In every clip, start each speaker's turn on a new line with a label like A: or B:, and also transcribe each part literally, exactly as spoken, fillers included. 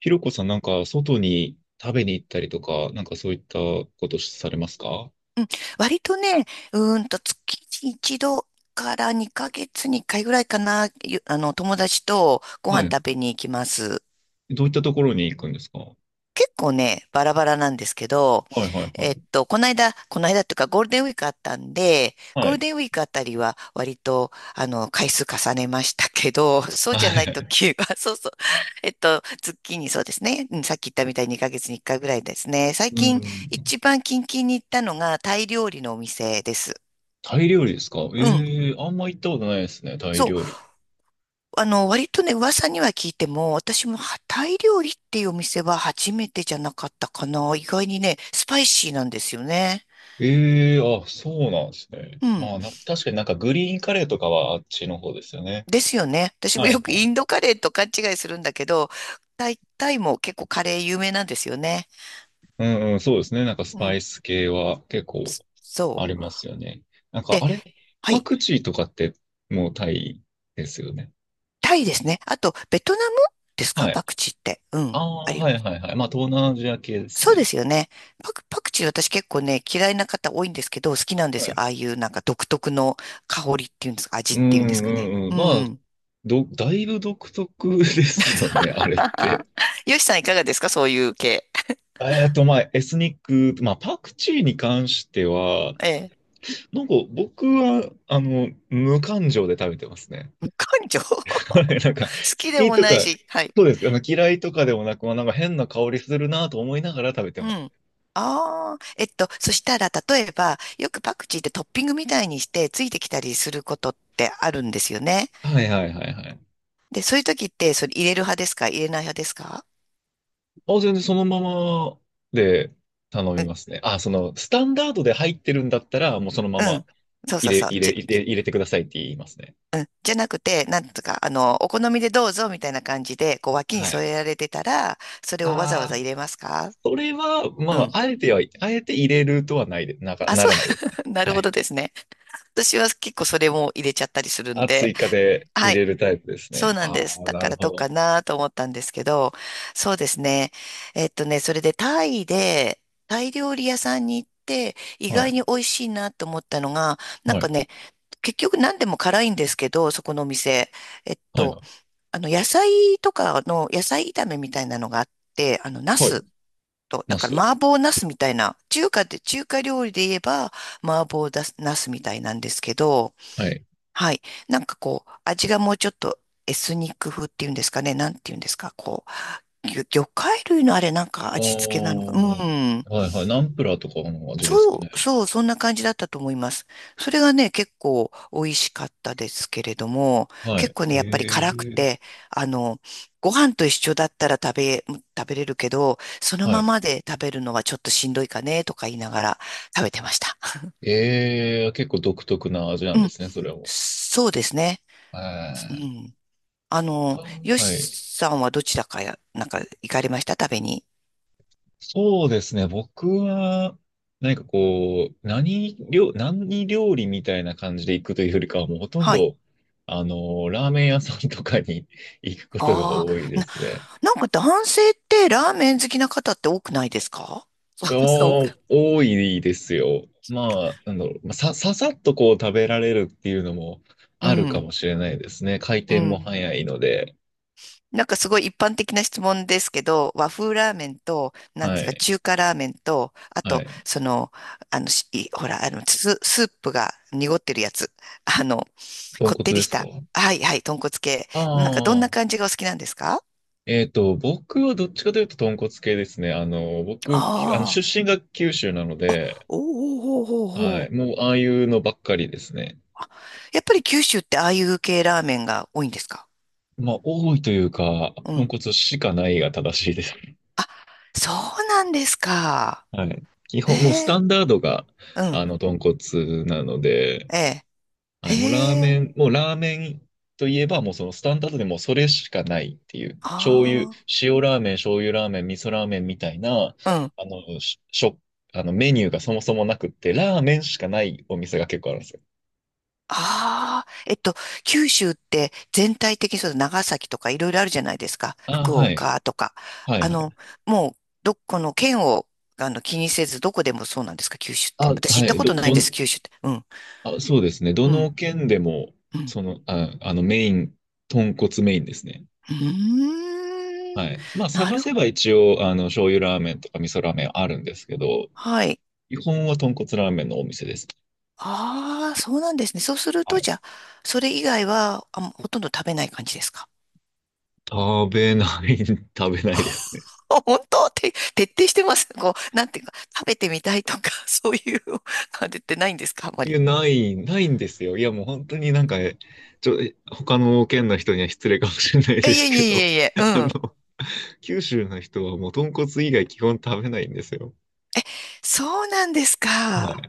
A: ひろこさん、なんか、外に食べに行ったりとか、なんかそういったことされますか？
B: 割とね、うーんと月に一度からにかげつにいっかいぐらいかな、ゆあの、友達とご飯
A: はい。
B: 食べに行きます。
A: どういったところに行くんですか？は
B: 結構ね、バラバラなんですけど、
A: いはいは
B: えっ
A: い。
B: と、この間、この間っていうかゴールデンウィークあったんで、
A: は
B: ゴール
A: い。
B: デンウィークあたりは割と、あの、回数重ねましたけど、そう
A: は
B: じゃない
A: い。
B: 時は、そうそう、えっと、月にそうですね、うん、さっき言ったみたいににかげつにいっかいぐらいですね。最
A: う
B: 近、
A: ん。
B: 一番近々に行ったのがタイ料理のお店です。
A: タイ料理ですか？え
B: うん。
A: えー、あんま行ったことないですね、タイ
B: そう
A: 料理。
B: あの、割とね、噂には聞いても、私もタイ料理っていうお店は初めてじゃなかったかな。意外にね、スパイシーなんですよね。
A: ええー、あ、そうなんですね。
B: うん。
A: まあ、な、確かになんかグリーンカレーとかはあっちの方ですよね。
B: ですよね。私も
A: は
B: よ
A: い
B: く
A: は
B: イ
A: い。
B: ンドカレーと勘違いするんだけど、タイ、タイも結構カレー有名なんですよね。
A: うんうん、そうですね。なんかス
B: う
A: パ
B: ん。
A: イス系は結構
B: そ
A: ありますよね。なん
B: う。
A: か、
B: で、
A: あれ、
B: は
A: パ
B: い。
A: クチーとかってもうタイですよね。
B: タイですね。あと、ベトナムですか、
A: はい。
B: パクチーって？う
A: あ
B: ん。あ
A: あ、
B: り
A: は
B: ま
A: い
B: す。
A: はいはい。まあ、東南アジア系です
B: そうで
A: ね。
B: すよね。パク、パクチー私結構ね、嫌いな方多いんですけど、好きなんで
A: は
B: すよ。
A: い。
B: ああいうなんか独特の香りっていうんですか、味
A: う
B: っていうんです
A: んう
B: かね。
A: んうん。
B: う
A: まあ、
B: ん。
A: ど、だいぶ独特ですよね、あれって。
B: よしさんいかがですか、そういう系？
A: えっと、まあ、エスニック、まあ、パクチーに関しては、
B: ええ。
A: なんか僕は、あの、無感情で食べてますね。
B: 無感情 好
A: なんか、
B: き
A: 好
B: で
A: き
B: も
A: と
B: ない
A: か、
B: し、はい。
A: そうです。あの、嫌いとかでもなく、まあ、なんか変な香りするなと思いながら食べて
B: う
A: ます。
B: ん。ああ、えっと、そしたら、例えば、よくパクチーってトッピングみたいにして、ついてきたりすることってあるんですよね。
A: はいはいはいはい。
B: で、そういう時って、それ入れる派ですか、入れない派ですか？
A: あ、全然そのままで頼
B: う
A: み
B: ん。
A: ますね。あ、その、スタンダードで入ってるんだったら、もうそのま
B: う
A: ま
B: ん、そうそう
A: 入れ、
B: そう。
A: 入れ、入れ、入れてくださいって言いますね。
B: じゃなくて、なんとか、あの、お好みでどうぞみたいな感じで、こう、脇に
A: はい。
B: 添えられてたら、それをわざわざ
A: ああ、
B: 入れますか？
A: それは、ま
B: うん。
A: あ、あえては、あえて入れるとはないで、なか、
B: あ、
A: な
B: そう、
A: らないですね。
B: なる
A: は
B: ほ
A: い。
B: どですね。私は結構それも入れちゃったりするん
A: あ、
B: で。
A: 追加で入
B: は
A: れ
B: い、
A: るタイプです
B: そう
A: ね。
B: なんで
A: あ
B: す。
A: あ、
B: だ
A: な
B: か
A: る
B: ら
A: ほ
B: どう
A: ど。
B: かなと思ったんですけど、そうですね。えっとね、それでタイで、タイ料理屋さんに行って、意
A: は
B: 外
A: い。
B: に美味しいなと思ったのが、なん
A: は
B: か
A: い。
B: ね、結局何でも辛いんですけど、そこのお店。えっ
A: はい。
B: と、あの、野菜とかの、野菜炒めみたいなのがあって、あの、ナ
A: はい。
B: スと、だ
A: ナ
B: か
A: ス。
B: ら麻婆ナスみたいな、中華で、中華料理で言えば麻婆だナスみたいなんですけど、
A: はい。
B: はい。なんかこう、味がもうちょっとエスニック風っていうんですかね、なんていうんですか、こう、魚魚介類のあれなんか
A: ああ、
B: 味付けなのか、うん。
A: はいはい。ナンプラーとかの味ですか
B: そ
A: ね。
B: う、そう、そんな感じだったと思います。それがね、結構美味しかったですけれども、
A: は
B: 結
A: い。
B: 構ね、
A: へ
B: やっぱり辛く
A: え。
B: て、あの、ご飯と一緒だったら食べ、食べれるけど、その
A: は
B: ま
A: い。
B: まで食べるのはちょっとしんどいかね、とか言いながら食べてました。
A: ええ、結構独特な味なん
B: う
A: で
B: ん、
A: すね、それも。
B: そうですね。
A: え
B: う
A: ーっ
B: ん。あの、
A: と、
B: よ
A: はい。
B: しさんはどちらかや、なんか行かれました、食べに？
A: そうですね、僕は、何かこう、何料、何料理みたいな感じで行くというよりかは、もうほとん
B: はい。
A: ど、あの、ラーメン屋さんとかに 行くことが
B: あ
A: 多い
B: あ、
A: で
B: な、
A: すね。
B: なんか男性ってラーメン好きな方って多くないですか？ 多く、
A: お多いですよ。まあ、なんだろう、まあさ、ささっとこう食べられるっていうのも
B: う
A: あるか
B: ん、
A: もしれないですね。回
B: う
A: 転も
B: ん。
A: 早いので。
B: なんかすごい一般的な質問ですけど、和風ラーメンと、なんで
A: は
B: すか、
A: い。
B: 中華ラーメンと、あ
A: は
B: と、
A: い。
B: その、あの、しいほら、あの、ス、スープが濁ってるやつ。あの、
A: 豚
B: こっ
A: 骨
B: てり
A: で
B: し
A: すか？
B: た。はいはい、豚骨系。なんかどん
A: あ
B: な
A: あ、
B: 感じがお好きなんですか？
A: えっと、僕はどっちかというと豚骨系ですね。あの、僕、きあの、
B: あ
A: 出
B: あー。
A: 身が九州なの
B: あ、
A: で、
B: おおおおお
A: はい、
B: お。
A: もうああいうのばっかりですね。
B: やっぱり九州ってああいう系ラーメンが多いんですか？
A: まあ、多いというか、
B: う
A: 豚
B: ん。
A: 骨しかないが正しいです。
B: あ、そうなんですか。
A: はい。基
B: え
A: 本、もうスタ
B: え、
A: ンダードが、
B: う
A: あ
B: ん。
A: の、豚骨なので、
B: ええ、
A: はい、もうラー
B: へ
A: メ
B: え。
A: ン、もうラーメンといえば、もうそのスタンダードでもうそれしかないっていう、醤油、
B: あ
A: 塩ラーメン、醤油ラーメン、味噌ラーメンみたいな、
B: あ。うん、
A: あの、しょ、あのメニューがそもそもなくって、ラーメンしかないお店が結構あるんですよ。
B: ああ、えっと、九州って全体的にそう、長崎とかいろいろあるじゃないですか。
A: ああ、
B: 福
A: はい。
B: 岡とか。
A: はい、
B: あ
A: は
B: の、
A: い。
B: もう、どこの県を、あの、気にせず、どこでもそうなんですか、九州って？
A: あ、
B: 私行
A: は
B: った
A: い。
B: こ
A: ど、
B: とないん
A: ど
B: です、
A: ん、
B: 九州って。うん、
A: あ、そうですね。ど
B: う
A: の
B: ん、
A: 県でも、
B: うん。
A: その、あ、あの、メイン、豚骨メインですね。
B: うーん、
A: はい。まあ、
B: な
A: 探
B: る、
A: せば一応、あの、醤油ラーメンとか味噌ラーメンあるんですけど、
B: はい。
A: 基本は豚骨ラーメンのお店です。
B: ああ、そうなんですね。そうする
A: は
B: と、
A: い。
B: じゃあ、それ以外は、あ、ほとんど食べない感じですか？
A: 食べない、食べないですね。
B: 本当って、徹底してます。こう、なんていうか、食べてみたいとか、そういうのは出てないんですか、あんま
A: い
B: り？
A: や、ない、ないんですよ。いや、もう本当になんか、ちょ、他の県の人には失礼かもしれない
B: い
A: で
B: え
A: す
B: い
A: け
B: え
A: ど、
B: いえいえ、う
A: あ
B: ん。
A: の、九州の人はもう豚骨以外基本食べないんですよ。
B: そうなんです
A: はい。
B: か。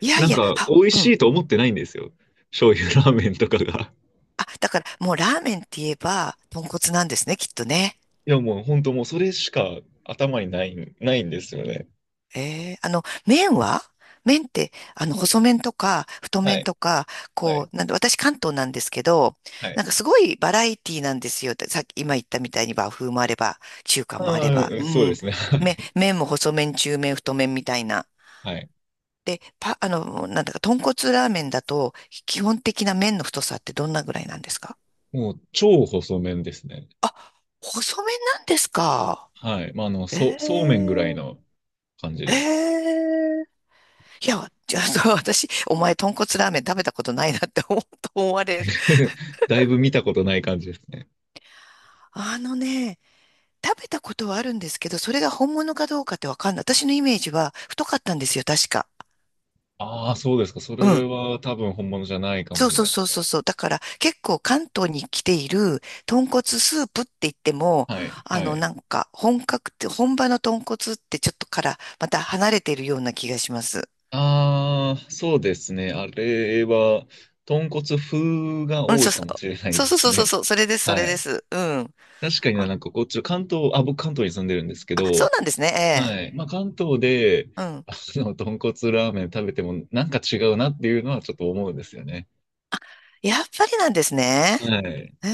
B: いや
A: な
B: い
A: ん
B: や、
A: か、
B: あ、
A: 美味
B: う
A: し
B: ん。
A: いと思ってないんですよ。醤油ラーメンとかが。
B: あ、だから、もうラーメンって言えば、豚骨なんですね、きっとね。
A: いや、もう本当もうそれしか頭にない、ないんですよね。
B: ええ、あの、麺は麺って、あの、細麺とか、太
A: は
B: 麺
A: い。
B: とか、
A: はい。
B: こう、なんで、私関東なんですけど、
A: はい。
B: なんかすごいバラエティなんですよ。さっき、今言ったみたいに和風もあれば、中華もあれば、
A: う
B: う
A: ん、そうで
B: ん。
A: すね。は
B: め、
A: い。
B: 麺も細麺、中麺、太麺みたいな。
A: はい。
B: で、パ、あの、なんだか、豚骨ラーメンだと、基本的な麺の太さってどんなぐらいなんですか？
A: もう超細麺ですね。
B: あ、細麺なんですか？
A: はい。まあ、あの、
B: え
A: そう、そうめんぐらい
B: え、
A: の感じ
B: え
A: です。
B: え、いや、じゃあ、そう、私、お前、豚骨ラーメン食べたことないなって思うと思われる。
A: だいぶ見たことない感じですね。
B: あのね、食べたことはあるんですけど、それが本物かどうかってわかんない。私のイメージは太かったんですよ、確か。
A: ああ、そうですか。そ
B: う
A: れ
B: ん。
A: は多分本物じゃないかも
B: そ
A: し
B: う
A: れ
B: そ
A: な
B: う
A: いで
B: そ
A: す
B: うそう
A: ね。
B: そう。だから、結構関東に来ている豚骨スープって言っても、
A: はい。
B: あ
A: は
B: の、
A: い。
B: なんか、本格って、本場の豚骨ってちょっとから、また離れているような気がします。
A: ああ、そうですね。あれは、豚骨風が
B: うん、
A: 多い
B: そう
A: か
B: そ
A: も
B: う。
A: しれない
B: そう
A: で
B: そう
A: す
B: そうそう
A: ね。
B: そう。それで す、そ
A: は
B: れで
A: い。
B: す。うん。
A: 確かにな、
B: あ、
A: なんかこっち、関東、あ、僕関東に住んでるんですけ
B: あ、そう
A: ど、
B: なんですね。ええ。
A: はい。まあ関東で、
B: うん。
A: あの、豚骨ラーメン食べてもなんか違うなっていうのはちょっと思うんですよね。
B: やっぱりなんですね。
A: はい。
B: え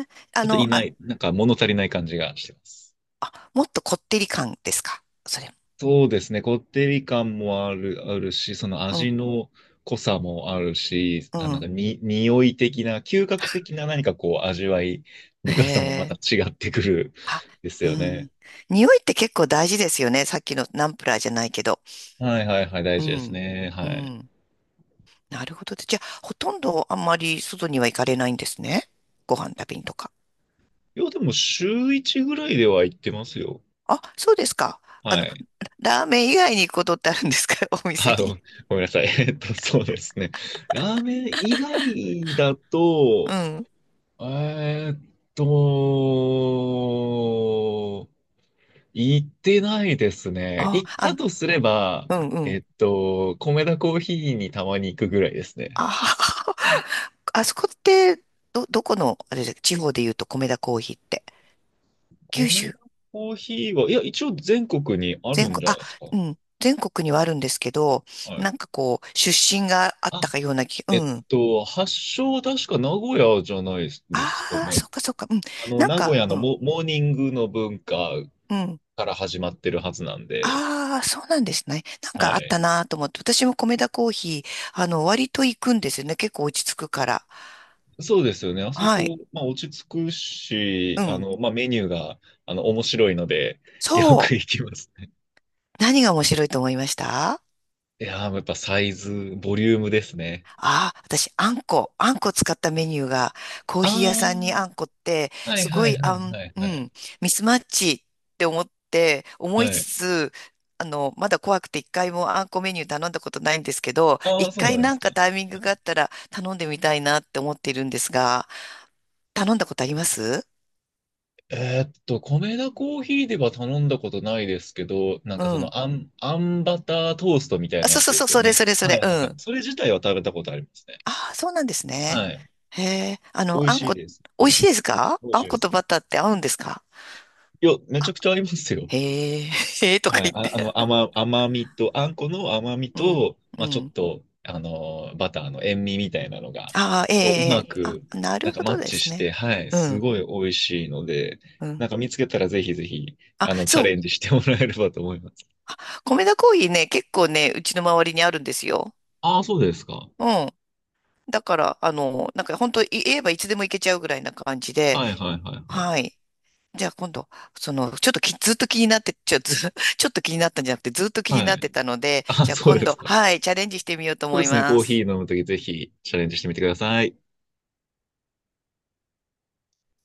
B: え、あ
A: ちょっと
B: の、
A: 今、
B: あ、
A: なんか物足りない感じがしてます。
B: もっとこってり感ですか、それ？
A: そうですね。こってり感もある、あるし、その
B: う
A: 味
B: ん、
A: の濃さもあるし、
B: う
A: あ、なん
B: ん。
A: かに、匂い的な、嗅覚的な何かこう味わい
B: へ
A: 深さもまた
B: え。
A: 違ってくる
B: あ、
A: です
B: う
A: よ
B: ん。
A: ね。
B: 匂いって結構大事ですよね。さっきのナンプラーじゃないけど。
A: はいはいはい、大
B: う
A: 事です
B: ん、
A: ね。は
B: う
A: い。
B: ん。なるほど。じゃあ、ほとんどあんまり外には行かれないんですね。ご飯食べにとか。
A: いや、でも週いちぐらいでは行ってますよ。
B: あ、そうですか。あ
A: は
B: の、
A: い。
B: ラーメン以外に行くことってあるんですか？ お店
A: あ、ご
B: に。
A: ごめんなさい。えっと、そうですね。ラーメン以外だ
B: う
A: と、
B: ん。
A: えーっと、行ってないですね。
B: あ、
A: 行っ
B: あ
A: た
B: の、
A: とすれば、
B: うん、う
A: え
B: ん。
A: っと、米田コーヒーにたまに行くぐらいですね。
B: ああ、あそこって、ど、どこの、あれで、地方で言うと米田コーヒーって？九
A: 米
B: 州、
A: 田コーヒーは、いや、一応全国にあ
B: 全
A: るん
B: 国、
A: じゃな
B: あ、
A: いですか。
B: うん、全国にはあるんですけど、
A: はい。
B: なんかこう、出身があった
A: あ、
B: かような気、う
A: えっ
B: ん。
A: と、発祥は確か名古屋じゃないですか
B: ああ、
A: ね。
B: そっかそっか、うん。
A: あの、
B: なん
A: 名古
B: か、
A: 屋
B: う
A: の
B: ん、
A: モ、モーニングの文化
B: うん。
A: から始まってるはずなんで、
B: ああ、そうなんですね。なん
A: は
B: かあっ
A: い。
B: たなと思って、私も米田コーヒー、あの、割と行くんですよね。結構落ち着くから。
A: そうですよね。あそ
B: はい、
A: こ、まあ、落ち着くし、
B: う
A: あ
B: ん。
A: の、まあ、メニューが、あの、面白いので、よ
B: そ
A: く行
B: う。
A: きますね。
B: 何が面白いと思いました？
A: いやー、やっぱサイズ、ボリュームですね。
B: ああ、私、あんこ、あんこ使ったメニューが、コーヒー屋さんにあ
A: あ
B: んこって、
A: あ、はい
B: す
A: は
B: ご
A: い
B: い、
A: はい
B: あん、
A: はい
B: う
A: はい。
B: ん、ミスマッチって思って、思い
A: は
B: つ
A: い。
B: つ、あの、まだ怖くて一回もあんこメニュー頼んだことないんですけど、
A: あ
B: 一
A: あ、そうな
B: 回
A: んで
B: な
A: す
B: ん
A: か。
B: かタイミングがあったら頼んでみたいなって思っているんですが、頼んだことあります？
A: えーっと、米田コーヒーでは頼んだことないですけど、なん
B: う
A: かそ
B: ん。
A: の、あん、あんバタートーストみたい
B: あ、
A: な
B: そ
A: や
B: う
A: つ
B: そう
A: で
B: そう、
A: すよ
B: それ
A: ね。
B: それそ
A: はい
B: れ、
A: は
B: う
A: いはい。
B: ん。
A: それ自体は食べたことありますね。
B: ああ、そうなんですね。
A: はい。
B: へえ、あの、
A: 美味
B: あん
A: しい
B: こ、
A: です。
B: 美
A: は
B: 味しい
A: い。
B: ですか？
A: 美味
B: あ
A: しい
B: ん
A: で
B: こと
A: す。
B: バターって合うんですか？
A: いや、めちゃくちゃありますよ。
B: へえ、へえとか
A: はい、
B: 言って。
A: あ、あの、甘、甘みと、あんこの甘み
B: うん、
A: と、
B: う
A: まあ、ちょっ
B: ん。
A: と、あの、バターの塩味みたいなのが、
B: ああ、ええ、
A: こう、う
B: え
A: ま
B: え、あ、
A: く、
B: な
A: な
B: る
A: んか
B: ほ
A: マッ
B: どで
A: チ
B: す
A: して、
B: ね。
A: はい、
B: う
A: す
B: ん、
A: ごい美味しいので、
B: うん。
A: なんか見つけたらぜひぜひ、
B: あ、
A: あの、チャ
B: そう。
A: レンジしてもらえればと思います。
B: あ、米田コーヒーね、結構ね、うちの周りにあるんですよ。
A: ああ、そうですか。
B: うん。だから、あの、なんか本当言えばいつでも行けちゃうぐらいな感じで、
A: はいはいはいはい。
B: はい。じゃあ今度、その、ちょっとき、ずっと気になって、ちょ、ず、ちょっと気になったんじゃなくて、ずっと気に
A: は
B: なって
A: い。
B: たので、
A: あ、
B: じゃあ
A: そう
B: 今
A: です
B: 度、
A: か。そ
B: はい、チャレンジしてみようと
A: う
B: 思
A: で
B: い
A: すね、コ
B: ま
A: ーヒ
B: す。
A: ー飲むときぜひチャレンジしてみてください。